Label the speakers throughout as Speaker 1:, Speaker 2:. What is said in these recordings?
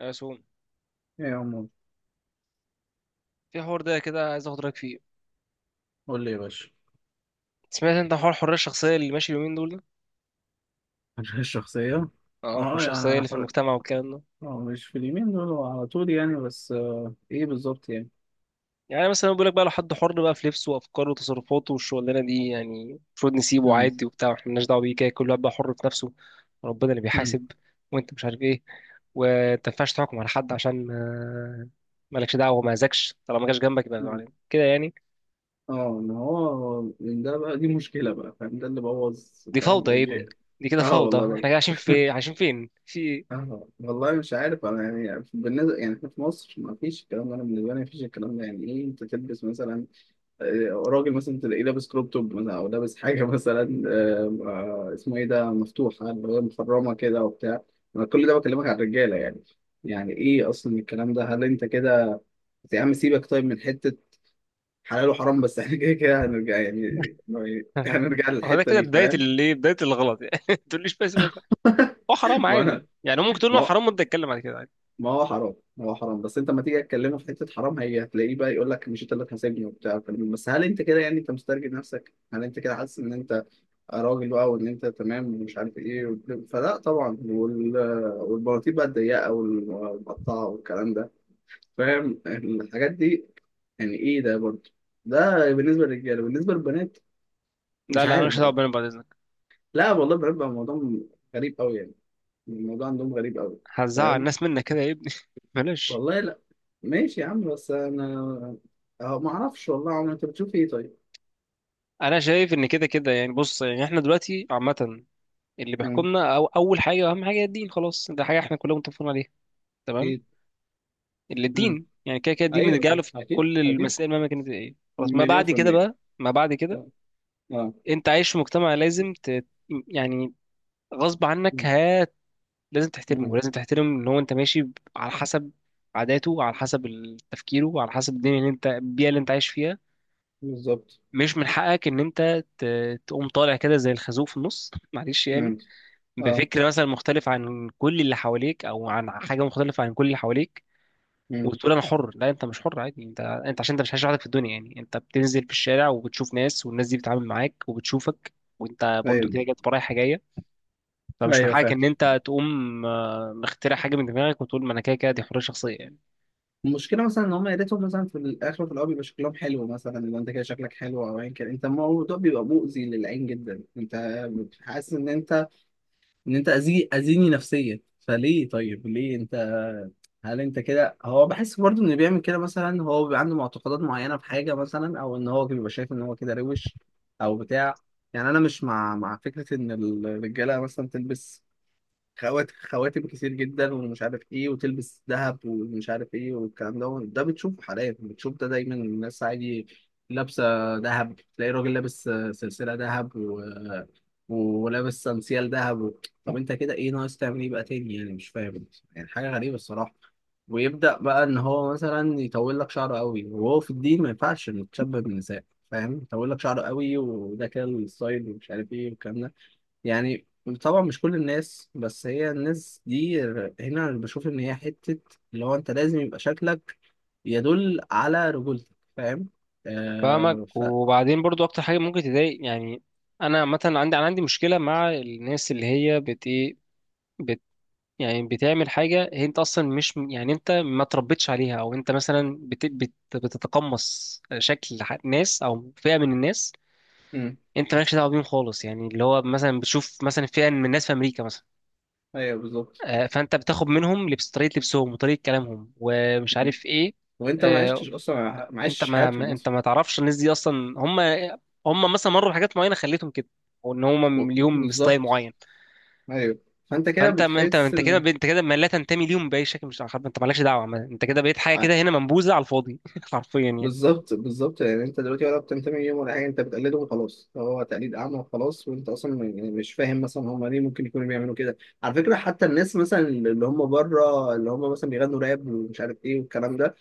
Speaker 1: يا سوم،
Speaker 2: ايه يا عمو.
Speaker 1: في حوار ده كده عايز اخد رايك فيه.
Speaker 2: قول لي يا باشا.
Speaker 1: سمعت انت حوار الحريه الشخصيه اللي ماشي اليومين دول ده؟
Speaker 2: الشخصية.
Speaker 1: اه الحريه
Speaker 2: اه
Speaker 1: الشخصيه
Speaker 2: يعني
Speaker 1: اللي في المجتمع والكلام ده.
Speaker 2: اه، مش في اليمين دول، هو على طول يعني، بس ايه بالظبط يعني.
Speaker 1: يعني مثلا بيقول لك بقى لو حد حر بقى في لبسه وافكاره وتصرفاته والشغلانه دي، يعني المفروض نسيبه
Speaker 2: مم.
Speaker 1: عادي وبتاع واحنا مالناش دعوه بيه، كده كل واحد بقى حر في نفسه. ربنا اللي
Speaker 2: مم.
Speaker 1: بيحاسب. وانت مش عارف ايه، وانت ما ينفعش تحكم على حد عشان مالكش دعوه وما اذاكش طالما ما جاش جنبك، يبقى
Speaker 2: مم.
Speaker 1: يعني كده يعني.
Speaker 2: اه، ما هو من ده بقى دي مشكلة بقى، فاهم، ده اللي بوظ.
Speaker 1: دي
Speaker 2: فاهم
Speaker 1: فوضى يا
Speaker 2: جاء.
Speaker 1: ابني. دي كده
Speaker 2: اه
Speaker 1: فوضى،
Speaker 2: والله
Speaker 1: احنا
Speaker 2: لا.
Speaker 1: كده عايشين في عايشين فين في
Speaker 2: اه والله مش عارف انا، يعني بالنسبة يعني إحنا في مصر ما فيش الكلام ده، انا بالنسبة لي ما فيش الكلام ده، يعني ايه انت تلبس مثلا راجل مثلا تلاقيه لابس كروب توب مثلا، او لابس حاجه مثلا، اسمه ايه ده، مفتوحه اللي هي مخرمه كده وبتاع. انا كل ده بكلمك على الرجاله يعني. يعني ايه اصلا الكلام ده، هل انت كده؟ يا عم سيبك، طيب من حته حلال وحرام، بس احنا كده كده هنرجع يعني، هنرجع
Speaker 1: وده
Speaker 2: للحته
Speaker 1: كده
Speaker 2: دي،
Speaker 1: بداية
Speaker 2: فاهم.
Speaker 1: الايه، بداية الغلط يعني ما تقوليش بس، هو حرام
Speaker 2: ما انا،
Speaker 1: عادي، يعني ممكن تقول
Speaker 2: ما
Speaker 1: له
Speaker 2: هو،
Speaker 1: حرام وانت تتكلم بعد كده عادي.
Speaker 2: ما هو حرام، ما هو حرام، بس انت ما تيجي تكلمه في حته حرام هي هتلاقيه بقى يقول لك مش انت اللي هتحاسبني وبتاع، بس هل انت كده يعني؟ انت مسترجل نفسك، هل انت كده حاسس ان انت راجل بقى، وان انت تمام ومش عارف ايه وبتاع؟ فلا طبعا. وال... والبناطيل بقى الضيقه والمقطعه والكلام ده، فاهم الحاجات دي، يعني ايه ده برضه؟ ده بالنسبه للرجاله. بالنسبه للبنات مش
Speaker 1: لا لا،
Speaker 2: عارف
Speaker 1: ماليش دعوة
Speaker 2: بقى،
Speaker 1: بينا بعد اذنك.
Speaker 2: لا والله البنات بقى الموضوع غريب قوي يعني، الموضوع عندهم غريب قوي.
Speaker 1: هتزعل
Speaker 2: فاهم.
Speaker 1: الناس منك كده يا ابني بلاش.
Speaker 2: والله لا. ماشي يا عم، بس انا أه ما اعرفش والله يا عم، انت بتشوف ايه طيب؟
Speaker 1: انا شايف ان كده كده، يعني بص يعني احنا دلوقتي عامة، اللي
Speaker 2: مم.
Speaker 1: بيحكمنا أو اول حاجة واهم حاجة هي الدين، خلاص ده حاجة احنا كلنا متفقين عليها. تمام.
Speaker 2: اكيد.
Speaker 1: اللي
Speaker 2: مم.
Speaker 1: الدين يعني كده كده، الدين
Speaker 2: ايوه،
Speaker 1: بنرجع
Speaker 2: طب
Speaker 1: له في
Speaker 2: اكيد
Speaker 1: كل
Speaker 2: اكيد
Speaker 1: المسائل مهما كانت ايه، خلاص. ما
Speaker 2: مليون
Speaker 1: بعد
Speaker 2: في
Speaker 1: كده
Speaker 2: المية.
Speaker 1: بقى ما بعد كده
Speaker 2: اه. آه.
Speaker 1: انت عايش في مجتمع لازم يعني غصب عنك لازم تحترمه،
Speaker 2: مم.
Speaker 1: ولازم تحترم ان هو انت ماشي على حسب عاداته، على حسب تفكيره، على حسب الدنيا اللي انت البيئه اللي انت عايش فيها.
Speaker 2: بالظبط.
Speaker 1: مش من حقك ان انت تقوم طالع كده زي الخازوق في النص معلش يعني،
Speaker 2: مم. اه.
Speaker 1: بفكر مثلا مختلف عن كل اللي حواليك، او عن حاجه مختلفه عن كل اللي حواليك،
Speaker 2: مم.
Speaker 1: وتقول انا حر. لا انت مش حر عادي، انت انت عشان انت مش عايش لوحدك في الدنيا. يعني انت بتنزل في الشارع وبتشوف ناس، والناس دي بتتعامل معاك وبتشوفك، وانت برضو
Speaker 2: ايوه
Speaker 1: كده جت رايحه جايه. فمش من
Speaker 2: ايوه.
Speaker 1: حقك
Speaker 2: فاهم.
Speaker 1: ان انت تقوم مخترع حاجه من دماغك وتقول ما انا كده كده دي حريه شخصيه يعني.
Speaker 2: المشكله مثلا ان هم، يا ريتهم مثلا في الاخر وفي الاول بيبقى شكلهم حلو، مثلا لو انت كده شكلك حلو او ايا كان، انت الموضوع بيبقى مؤذي للعين جدا، انت حاسس ان انت، ان انت اذي، اذيني نفسيا فليه؟ طيب ليه انت، هل انت كده؟ هو بحس برضه ان اللي بيعمل كده مثلا هو بيبقى عنده معتقدات معينه في حاجه مثلا، او ان هو بيبقى شايف ان هو كده روش او بتاع، يعني. انا مش مع فكره ان الرجاله مثلا تلبس خواتم كتير جدا ومش عارف ايه، وتلبس ذهب ومش عارف ايه والكلام ده، ده بتشوفه حاليا، بتشوف ده دايما الناس عادي لابسه ذهب. تلاقي راجل لابس سلسله ذهب و... ولابس سانسيال ذهب و... طب انت كده ايه ناقص تعمل ايه بقى تاني يعني؟ مش فاهم، يعني حاجه غريبه الصراحه. ويبدا بقى ان هو مثلا يطول لك شعره قوي، وهو في الدين ما ينفعش انك تشبه بالنساء، فاهم. يطول لك شعره قوي وده كده الستايل ومش عارف ايه والكلام ده، يعني. طبعا مش كل الناس، بس هي الناس دي هنا أنا بشوف ان هي حتة اللي هو انت لازم يبقى شكلك يدل على رجولتك، فاهم.
Speaker 1: فاهمك.
Speaker 2: آه ف
Speaker 1: وبعدين برضو اكتر حاجه ممكن تضايق يعني، انا مثلا عندي، انا عندي مشكله مع الناس اللي هي بت ايه، بت يعني بتعمل حاجه هي انت اصلا مش يعني انت ما تربيتش عليها، او انت مثلا بت بتتقمص شكل ناس او فئه من الناس.
Speaker 2: مم.
Speaker 1: انت مالكش دعوه بيهم خالص. يعني اللي هو مثلا بتشوف مثلا فئه من الناس في امريكا مثلا،
Speaker 2: ايوه بالظبط.
Speaker 1: فانت بتاخد منهم لبس، طريقه لبسهم وطريقه كلامهم ومش
Speaker 2: مم.
Speaker 1: عارف ايه.
Speaker 2: وانت ما
Speaker 1: آه،
Speaker 2: عشتش اصلا، ما
Speaker 1: انت
Speaker 2: عشتش حياتهم
Speaker 1: انت
Speaker 2: اصلا.
Speaker 1: ما تعرفش الناس دي اصلا. هم هم مثلا مروا بحاجات معينه خلتهم كده، او ان
Speaker 2: و-
Speaker 1: هم ليهم ستايل
Speaker 2: بالظبط.
Speaker 1: معين.
Speaker 2: ايوه. فانت كده
Speaker 1: فانت ما انت
Speaker 2: بتحس
Speaker 1: انت كده،
Speaker 2: ان
Speaker 1: انت كده ما لا تنتمي ليهم باي شكل، مش عارف، انت مالكش دعوه انت كده بقيت حاجه كده هنا منبوذه على الفاضي حرفيا يعني.
Speaker 2: بالظبط بالظبط، يعني انت دلوقتي ولا بتنتمي ليهم ولا حاجه، انت بتقلده وخلاص، هو تقليد اعمى وخلاص، وانت اصلا يعني مش فاهم مثلا هم ليه ممكن يكونوا بيعملوا كده. على فكره، حتى الناس مثلا اللي هم بره اللي هم مثلا بيغنوا راب ومش عارف ايه والكلام ده،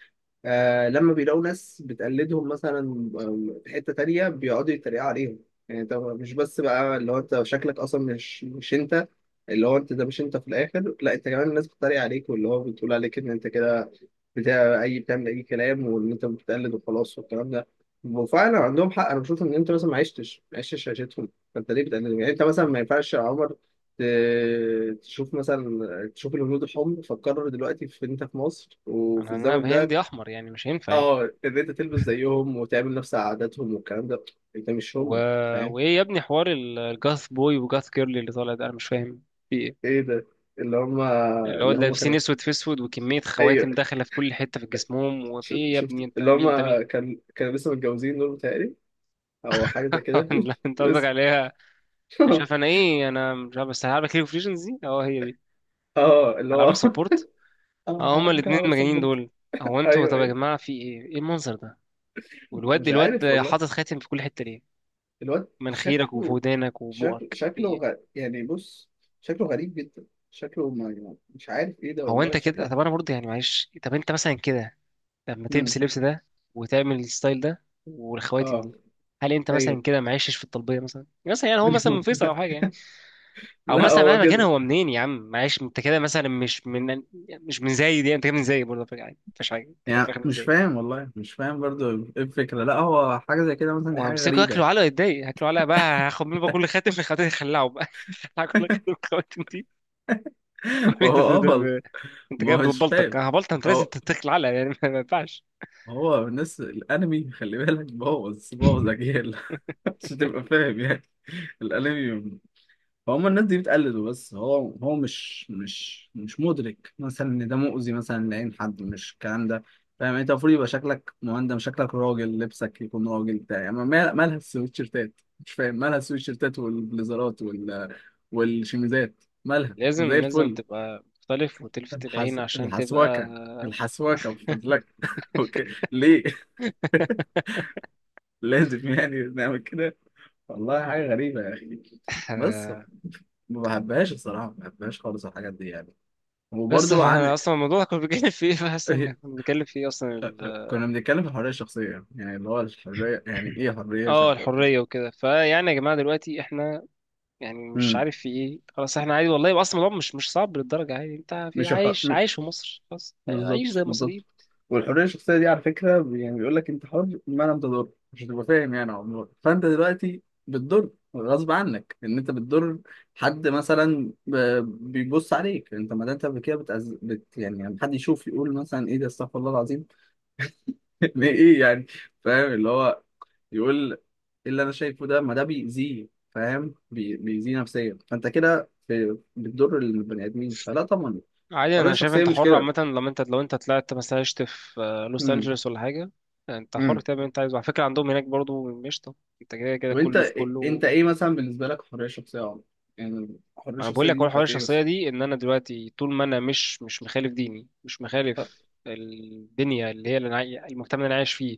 Speaker 2: آه لما بيلاقوا ناس بتقلدهم مثلا، في حتة تانية بيقعدوا يتريقوا عليهم، يعني انت مش بس بقى اللي هو انت شكلك اصلا مش انت، اللي هو انت ده مش انت في الاخر، لا انت كمان الناس بتتريق عليك، واللي هو بتقول عليك ان انت كده بتاع اي، بتعمل اي كلام وان انت بتقلد وخلاص والكلام ده. وفعلا عندهم حق، انا بشوف ان انت مثلا ما عشتش، ما عشتش عيشتهم، فانت ليه بتقلدهم يعني؟ انت مثلا ما ينفعش يا عمر تشوف مثلا، تشوف الهنود الحمر فتقرر دلوقتي في انت في مصر وفي
Speaker 1: انا
Speaker 2: الزمن
Speaker 1: انا
Speaker 2: ده
Speaker 1: هندي احمر يعني مش هينفع يعني
Speaker 2: اه ان انت تلبس زيهم وتعمل نفس عاداتهم والكلام ده. انت مش
Speaker 1: و...
Speaker 2: هم، فاهم.
Speaker 1: وايه يا ابني حوار الجاث بوي وجاث كيرلي اللي طالع ده؟ انا مش فاهم.
Speaker 2: ايه ده، اللي هم،
Speaker 1: اللي هو
Speaker 2: اللي هم
Speaker 1: لابسين
Speaker 2: كانوا،
Speaker 1: اسود في اسود، وكميه
Speaker 2: ايوه،
Speaker 1: خواتم داخله في كل حته في جسمهم، وفي إيه يا ابني؟
Speaker 2: شفت
Speaker 1: انت
Speaker 2: اللي هم،
Speaker 1: مين؟ انت مين؟
Speaker 2: كان كانوا لسه متجوزين دول بتهيألي، او حاجه زي كده.
Speaker 1: لا انت قصدك
Speaker 2: بس.
Speaker 1: عليها، انا شايف انا ايه، انا مش عارف، بس هلعبك ليج اوف ليجندز دي؟ اه هي دي.
Speaker 2: اه اللي هو.
Speaker 1: هلعبك سبورت؟ اه
Speaker 2: اه
Speaker 1: هما
Speaker 2: ممكن
Speaker 1: الاثنين
Speaker 2: اعمل
Speaker 1: المجانين
Speaker 2: سبورت.
Speaker 1: دول. هو انتوا
Speaker 2: ايوه
Speaker 1: طب يا
Speaker 2: ايوه
Speaker 1: جماعه في ايه؟ ايه المنظر ده؟ والواد،
Speaker 2: مش عارف
Speaker 1: الواد
Speaker 2: والله.
Speaker 1: حاطط خاتم في كل حته ليه؟
Speaker 2: الواد
Speaker 1: مناخيرك
Speaker 2: شكله
Speaker 1: وفودانك
Speaker 2: شكله
Speaker 1: وبقك في
Speaker 2: شكله
Speaker 1: ايه؟
Speaker 2: غ... يعني بص، شكله غريب جدا، شكله، ما مش عارف ايه ده
Speaker 1: هو
Speaker 2: والله
Speaker 1: انت
Speaker 2: شكله.
Speaker 1: كده طب انا برضه يعني معلش، طب انت مثلا كده لما تلبس
Speaker 2: امم.
Speaker 1: اللبس ده وتعمل الستايل ده والخواتم
Speaker 2: اه.
Speaker 1: دي، هل انت
Speaker 2: ايوه.
Speaker 1: مثلا كده معيشش في الطلبيه مثلا؟ مثلا يعني هو مثلا من فيصل او حاجه يعني، او
Speaker 2: لا
Speaker 1: مثلا
Speaker 2: هو
Speaker 1: مهما كان
Speaker 2: كده،
Speaker 1: هو منين يا عم؟ معيش انت كده مثلا مش من، مش من زايد يعني. انت كده من زايد برضه فكرة عادي، مفيش حاجه، انت كده في
Speaker 2: يعني
Speaker 1: الآخر من
Speaker 2: مش
Speaker 1: زايد.
Speaker 2: فاهم والله، مش فاهم برضو ايه الفكرة، لا هو حاجة زي كده مثلا، دي حاجة
Speaker 1: وهمسكه
Speaker 2: غريبة
Speaker 1: ياكله
Speaker 2: يعني.
Speaker 1: علقه، يتضايق هاكله علقه بقى. هاخد منه بقى كل خاتم من الخواتم دي، هخلعه بقى هاكل كل خاتم من الخواتم دي.
Speaker 2: هو
Speaker 1: وأقول له
Speaker 2: اه والله.
Speaker 1: انت
Speaker 2: ما
Speaker 1: جايب
Speaker 2: هوش
Speaker 1: ببلطك،
Speaker 2: فاهم
Speaker 1: هبلطك، انت لازم
Speaker 2: هو،
Speaker 1: تتاكل علقه يعني ما ينفعش.
Speaker 2: هو الناس الانمي، خلي بالك بوظ بوظ اجيال، عشان تبقى فاهم يعني. الانمي، فهم الناس دي بتقلده، بس هو، هو مش مدرك مثلا ان ده مؤذي مثلا لعين حد، مش الكلام ده، فاهم. انت المفروض يبقى شكلك مهندم، شكلك راجل، لبسك يكون راجل بتاع يعني، مالها السويتشيرتات؟ مش فاهم، مالها السويتشيرتات والبليزرات وال والشميزات، مالها؟
Speaker 1: لازم
Speaker 2: ما زي
Speaker 1: لازم
Speaker 2: الفل.
Speaker 1: تبقى مختلف وتلفت العين عشان تبقى
Speaker 2: الحسوكه، الحسوكه مش فاضلك. اوكي. ليه لازم يعني نعمل كده؟ والله حاجه غريبه يا اخي. بس
Speaker 1: آه،
Speaker 2: ما بحبهاش الصراحه، ما بحبهاش خالص الحاجات دي يعني.
Speaker 1: بس.
Speaker 2: وبرضو عن
Speaker 1: فاحنا اصلا الموضوع كنا بنتكلم فيه، فحاسس ان
Speaker 2: إيه-
Speaker 1: كنا بنتكلم فيه اصلا
Speaker 2: كنا بنتكلم في الحرية الشخصية، يعني اللي هو الحرية، يعني إيه حرية
Speaker 1: اه
Speaker 2: شخصية؟
Speaker 1: الحريه وكده. فيعني يا جماعه دلوقتي احنا يعني مش
Speaker 2: امم.
Speaker 1: عارف في ايه، خلاص احنا عادي والله. اصلا الموضوع مش مش صعب للدرجه، عادي انت في
Speaker 2: مش الحر...
Speaker 1: عايش
Speaker 2: م-
Speaker 1: عايش في مصر، خلاص عيش
Speaker 2: بالظبط
Speaker 1: زي المصريين
Speaker 2: بالظبط. والحرية الشخصية دي على فكرة يعني بيقول لك أنت حر ما لم تضر، مش هتبقى فاهم يعني عمرك، فأنت دلوقتي بتضر غصب عنك، إن أنت بتضر حد مثلا بيبص عليك، أنت ما ده أنت كده يعني لما حد يشوف يقول مثلا إيه ده، استغفر الله العظيم، إيه يعني، فاهم اللي هو يقول ايه اللي انا شايفه ده، ما ده بيأذيه، فاهم، بيأذيه نفسيا، فانت كده بتضر البني ادمين، فلا طبعا.
Speaker 1: عادي.
Speaker 2: الحريه
Speaker 1: انا شايف
Speaker 2: الشخصيه
Speaker 1: انت
Speaker 2: مش
Speaker 1: حر
Speaker 2: كده.
Speaker 1: عامه، لما انت لو انت طلعت مثلا عشت في لوس
Speaker 2: امم.
Speaker 1: انجلوس ولا حاجه، انت حر
Speaker 2: امم.
Speaker 1: تعمل اللي انت عايزه. على فكره عندهم هناك برضو مش طب، انت كده كده
Speaker 2: طب انت
Speaker 1: كله في
Speaker 2: إيه، انت
Speaker 1: كله.
Speaker 2: ايه مثلا بالنسبه لك الحريه الشخصيه يا عمر؟ يعني الحريه
Speaker 1: ما انا بقول
Speaker 2: الشخصيه
Speaker 1: لك
Speaker 2: دي
Speaker 1: هو
Speaker 2: بتبقى
Speaker 1: حوار
Speaker 2: في ايه
Speaker 1: الشخصيه
Speaker 2: بس؟
Speaker 1: دي، ان انا دلوقتي طول ما انا مش مش مخالف ديني، مش
Speaker 2: طب.
Speaker 1: مخالف الدنيا اللي هي اللي أنا المجتمع اللي انا عايش فيه،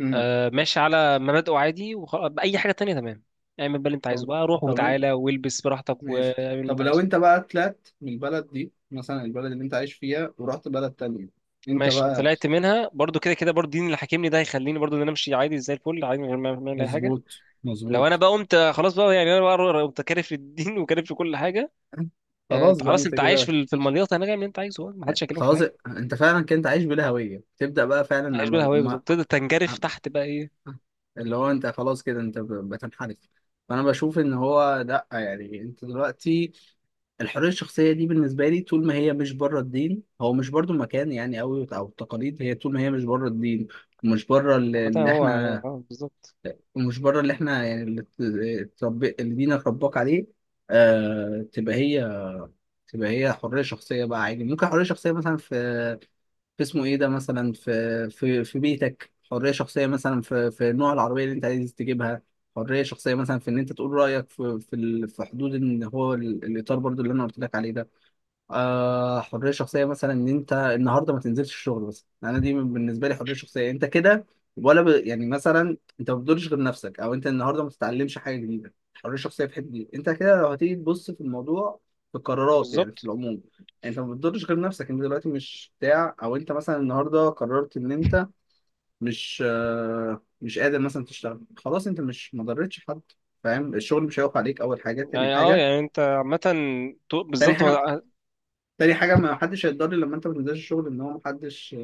Speaker 2: امم.
Speaker 1: آه ماشي على مبادئه عادي وخلاص، اي حاجه تانية تمام، اعمل بقى اللي انت عايزه
Speaker 2: طب.
Speaker 1: بقى، روح
Speaker 2: طب انت
Speaker 1: وتعالى والبس براحتك
Speaker 2: ماشي.
Speaker 1: واعمل اللي انت
Speaker 2: طب لو
Speaker 1: عايزه.
Speaker 2: انت بقى طلعت من البلد دي مثلا، البلد اللي انت عايش فيها ورحت بلد تانية، انت
Speaker 1: ماشي،
Speaker 2: بقى.
Speaker 1: طلعت منها برضو كده كده، برضو الدين اللي حاكمني ده هيخليني برضو ان انا امشي عادي زي الفل، عادي من غير ما ما اعمل اي حاجه.
Speaker 2: مظبوط
Speaker 1: لو انا
Speaker 2: مظبوط.
Speaker 1: بقى قمت خلاص بقى، يعني انا بقى قمت كارف للدين وكارف لكل حاجه، آه
Speaker 2: خلاص
Speaker 1: انت
Speaker 2: بقى
Speaker 1: خلاص،
Speaker 2: انت
Speaker 1: انت عايش في
Speaker 2: كده،
Speaker 1: في المليطه هناك، اعمل اللي انت عايزه، ما حدش هيكلمك في
Speaker 2: خلاص.
Speaker 1: حاجه.
Speaker 2: انت فعلا كنت عايش بلا هويه، تبدا بقى فعلا
Speaker 1: عايش
Speaker 2: اما
Speaker 1: بالهوية
Speaker 2: اما
Speaker 1: بالظبط، تقدر تنجرف تحت بقى ايه.
Speaker 2: اللي هو انت خلاص كده انت بتنحرف. فانا بشوف ان هو لا، يعني انت دلوقتي الحريه الشخصيه دي بالنسبه لي طول ما هي مش بره الدين، هو مش برضو مكان يعني قوي، او التقاليد، هي طول ما هي مش بره الدين، ومش بره اللي
Speaker 1: عامة
Speaker 2: اللي
Speaker 1: هو اه
Speaker 2: احنا،
Speaker 1: بالظبط.
Speaker 2: ومش بره اللي احنا، يعني اللي دينك رباك عليه، آه، تبقى هي، تبقى هي حريه شخصيه بقى عادي. ممكن حريه شخصيه مثلا في اسمه ايه ده مثلا في بيتك، حريه شخصيه مثلا في نوع العربيه اللي انت عايز تجيبها، حريه شخصيه مثلا في ان انت تقول رايك في في حدود ان هو الاطار برضو اللي انا قلت لك عليه ده، آه. حريه شخصيه مثلا ان انت النهارده ما تنزلش الشغل بس، يعني انا دي بالنسبه لي حريه شخصيه، انت كده ولا يعني مثلا انت ما بتضرش غير نفسك، او انت النهارده ما تتعلمش حاجه جديده، حريه شخصيه في حته دي انت كده، لو هتيجي تبص في الموضوع في القرارات يعني في
Speaker 1: بالظبط
Speaker 2: العموم، انت ما بتضرش غير نفسك، انت دلوقتي مش بتاع. او انت مثلا النهارده قررت ان انت مش آه، مش قادر مثلا تشتغل خلاص، انت مش، ما ضرتش حد فاهم، الشغل مش هيقف عليك، اول حاجه. تاني
Speaker 1: يعني، اه
Speaker 2: حاجه،
Speaker 1: يعني انت عامة
Speaker 2: تاني
Speaker 1: بالظبط
Speaker 2: حاجه
Speaker 1: هو،
Speaker 2: تاني حاجة ما حدش هيتضرر لما انت ما تنزلش الشغل، ان هو ما حدش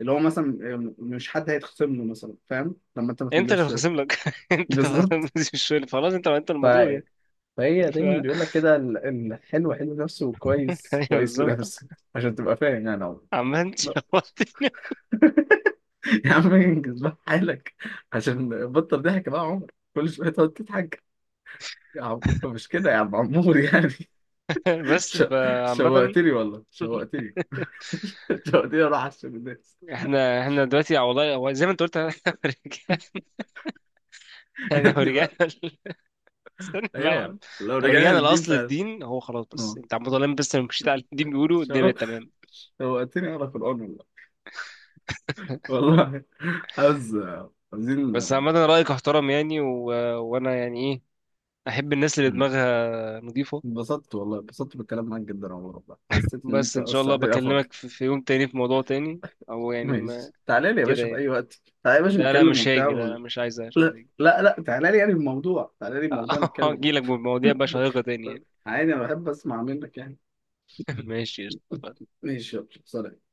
Speaker 2: اللي هو مثلا مش حد هيتخصم له مثلا، فاهم، لما انت ما
Speaker 1: انت
Speaker 2: تنزلش
Speaker 1: اللي
Speaker 2: الشغل.
Speaker 1: هتخصم لك انت اللي هتخصم
Speaker 2: بالظبط.
Speaker 1: لك، مش الشغل، خلاص انت انت
Speaker 2: ف...
Speaker 1: المضروب يعني.
Speaker 2: فهي
Speaker 1: ف...
Speaker 2: دايما بيقول لك كده الحلو حلو نفسه وكويس
Speaker 1: ايوه
Speaker 2: كويس
Speaker 1: بالظبط.
Speaker 2: لنفسه، عشان تبقى فاهم يعني عمر.
Speaker 1: عامة شوقتني
Speaker 2: يا عم انجز بقى حالك، عشان بطل ضحك بقى يا عمر، كل شوية تقعد تضحك، يا عم مش كده يا عم عمور يعني.
Speaker 1: بس
Speaker 2: ش...
Speaker 1: فعامة،
Speaker 2: شوقتني والله شوقتني. شوقتني اروح على الشغل ده.
Speaker 1: احنا احنا دلوقتي والله، هو زي ما انت قلت رجع-
Speaker 2: يا
Speaker 1: يعني لو
Speaker 2: ابني
Speaker 1: رجعنا
Speaker 2: بقى.
Speaker 1: ل- استنى بقى يا عم،
Speaker 2: ايوه لو
Speaker 1: لو
Speaker 2: رجعنا
Speaker 1: رجعنا
Speaker 2: للدين
Speaker 1: لاصل
Speaker 2: فعلا.
Speaker 1: الدين، هو خلاص بس
Speaker 2: اه.
Speaker 1: انت عم بتقول، بس لو مشيت على الدين بيقولوا الدنيا
Speaker 2: شو-
Speaker 1: بقت تمام.
Speaker 2: شوقتني اقرا قران والله. والله عاوز،
Speaker 1: بس
Speaker 2: عاوزين.
Speaker 1: عامة رأيك احترم يعني، وأنا يعني إيه، أحب الناس اللي
Speaker 2: مم.
Speaker 1: دماغها نظيفة.
Speaker 2: انبسطت والله انبسطت بالكلام معاك جدا يا عمر، والله حسيت ان
Speaker 1: بس
Speaker 2: انت
Speaker 1: إن شاء الله
Speaker 2: وسعت لي افاك.
Speaker 1: بكلمك في, في يوم تاني في موضوع تاني، أو يعني ما
Speaker 2: ماشي تعالى لي يا
Speaker 1: كده
Speaker 2: باشا في
Speaker 1: يعني.
Speaker 2: اي وقت، تعالى يا باشا
Speaker 1: لا لا
Speaker 2: نتكلم
Speaker 1: مش
Speaker 2: وبتاع
Speaker 1: هاجي، لا لا
Speaker 2: و...
Speaker 1: مش عايز مش
Speaker 2: لا
Speaker 1: عايز أجي
Speaker 2: لا، لا تعالى لي يعني الموضوع، تعالى لي الموضوع نتكلم.
Speaker 1: هجيلك بمواضيع بقى شيقة تاني يعني
Speaker 2: عادي انا بحب اسمع منك يعني.
Speaker 1: ماشي قشطة.
Speaker 2: ماشي يلا سلام.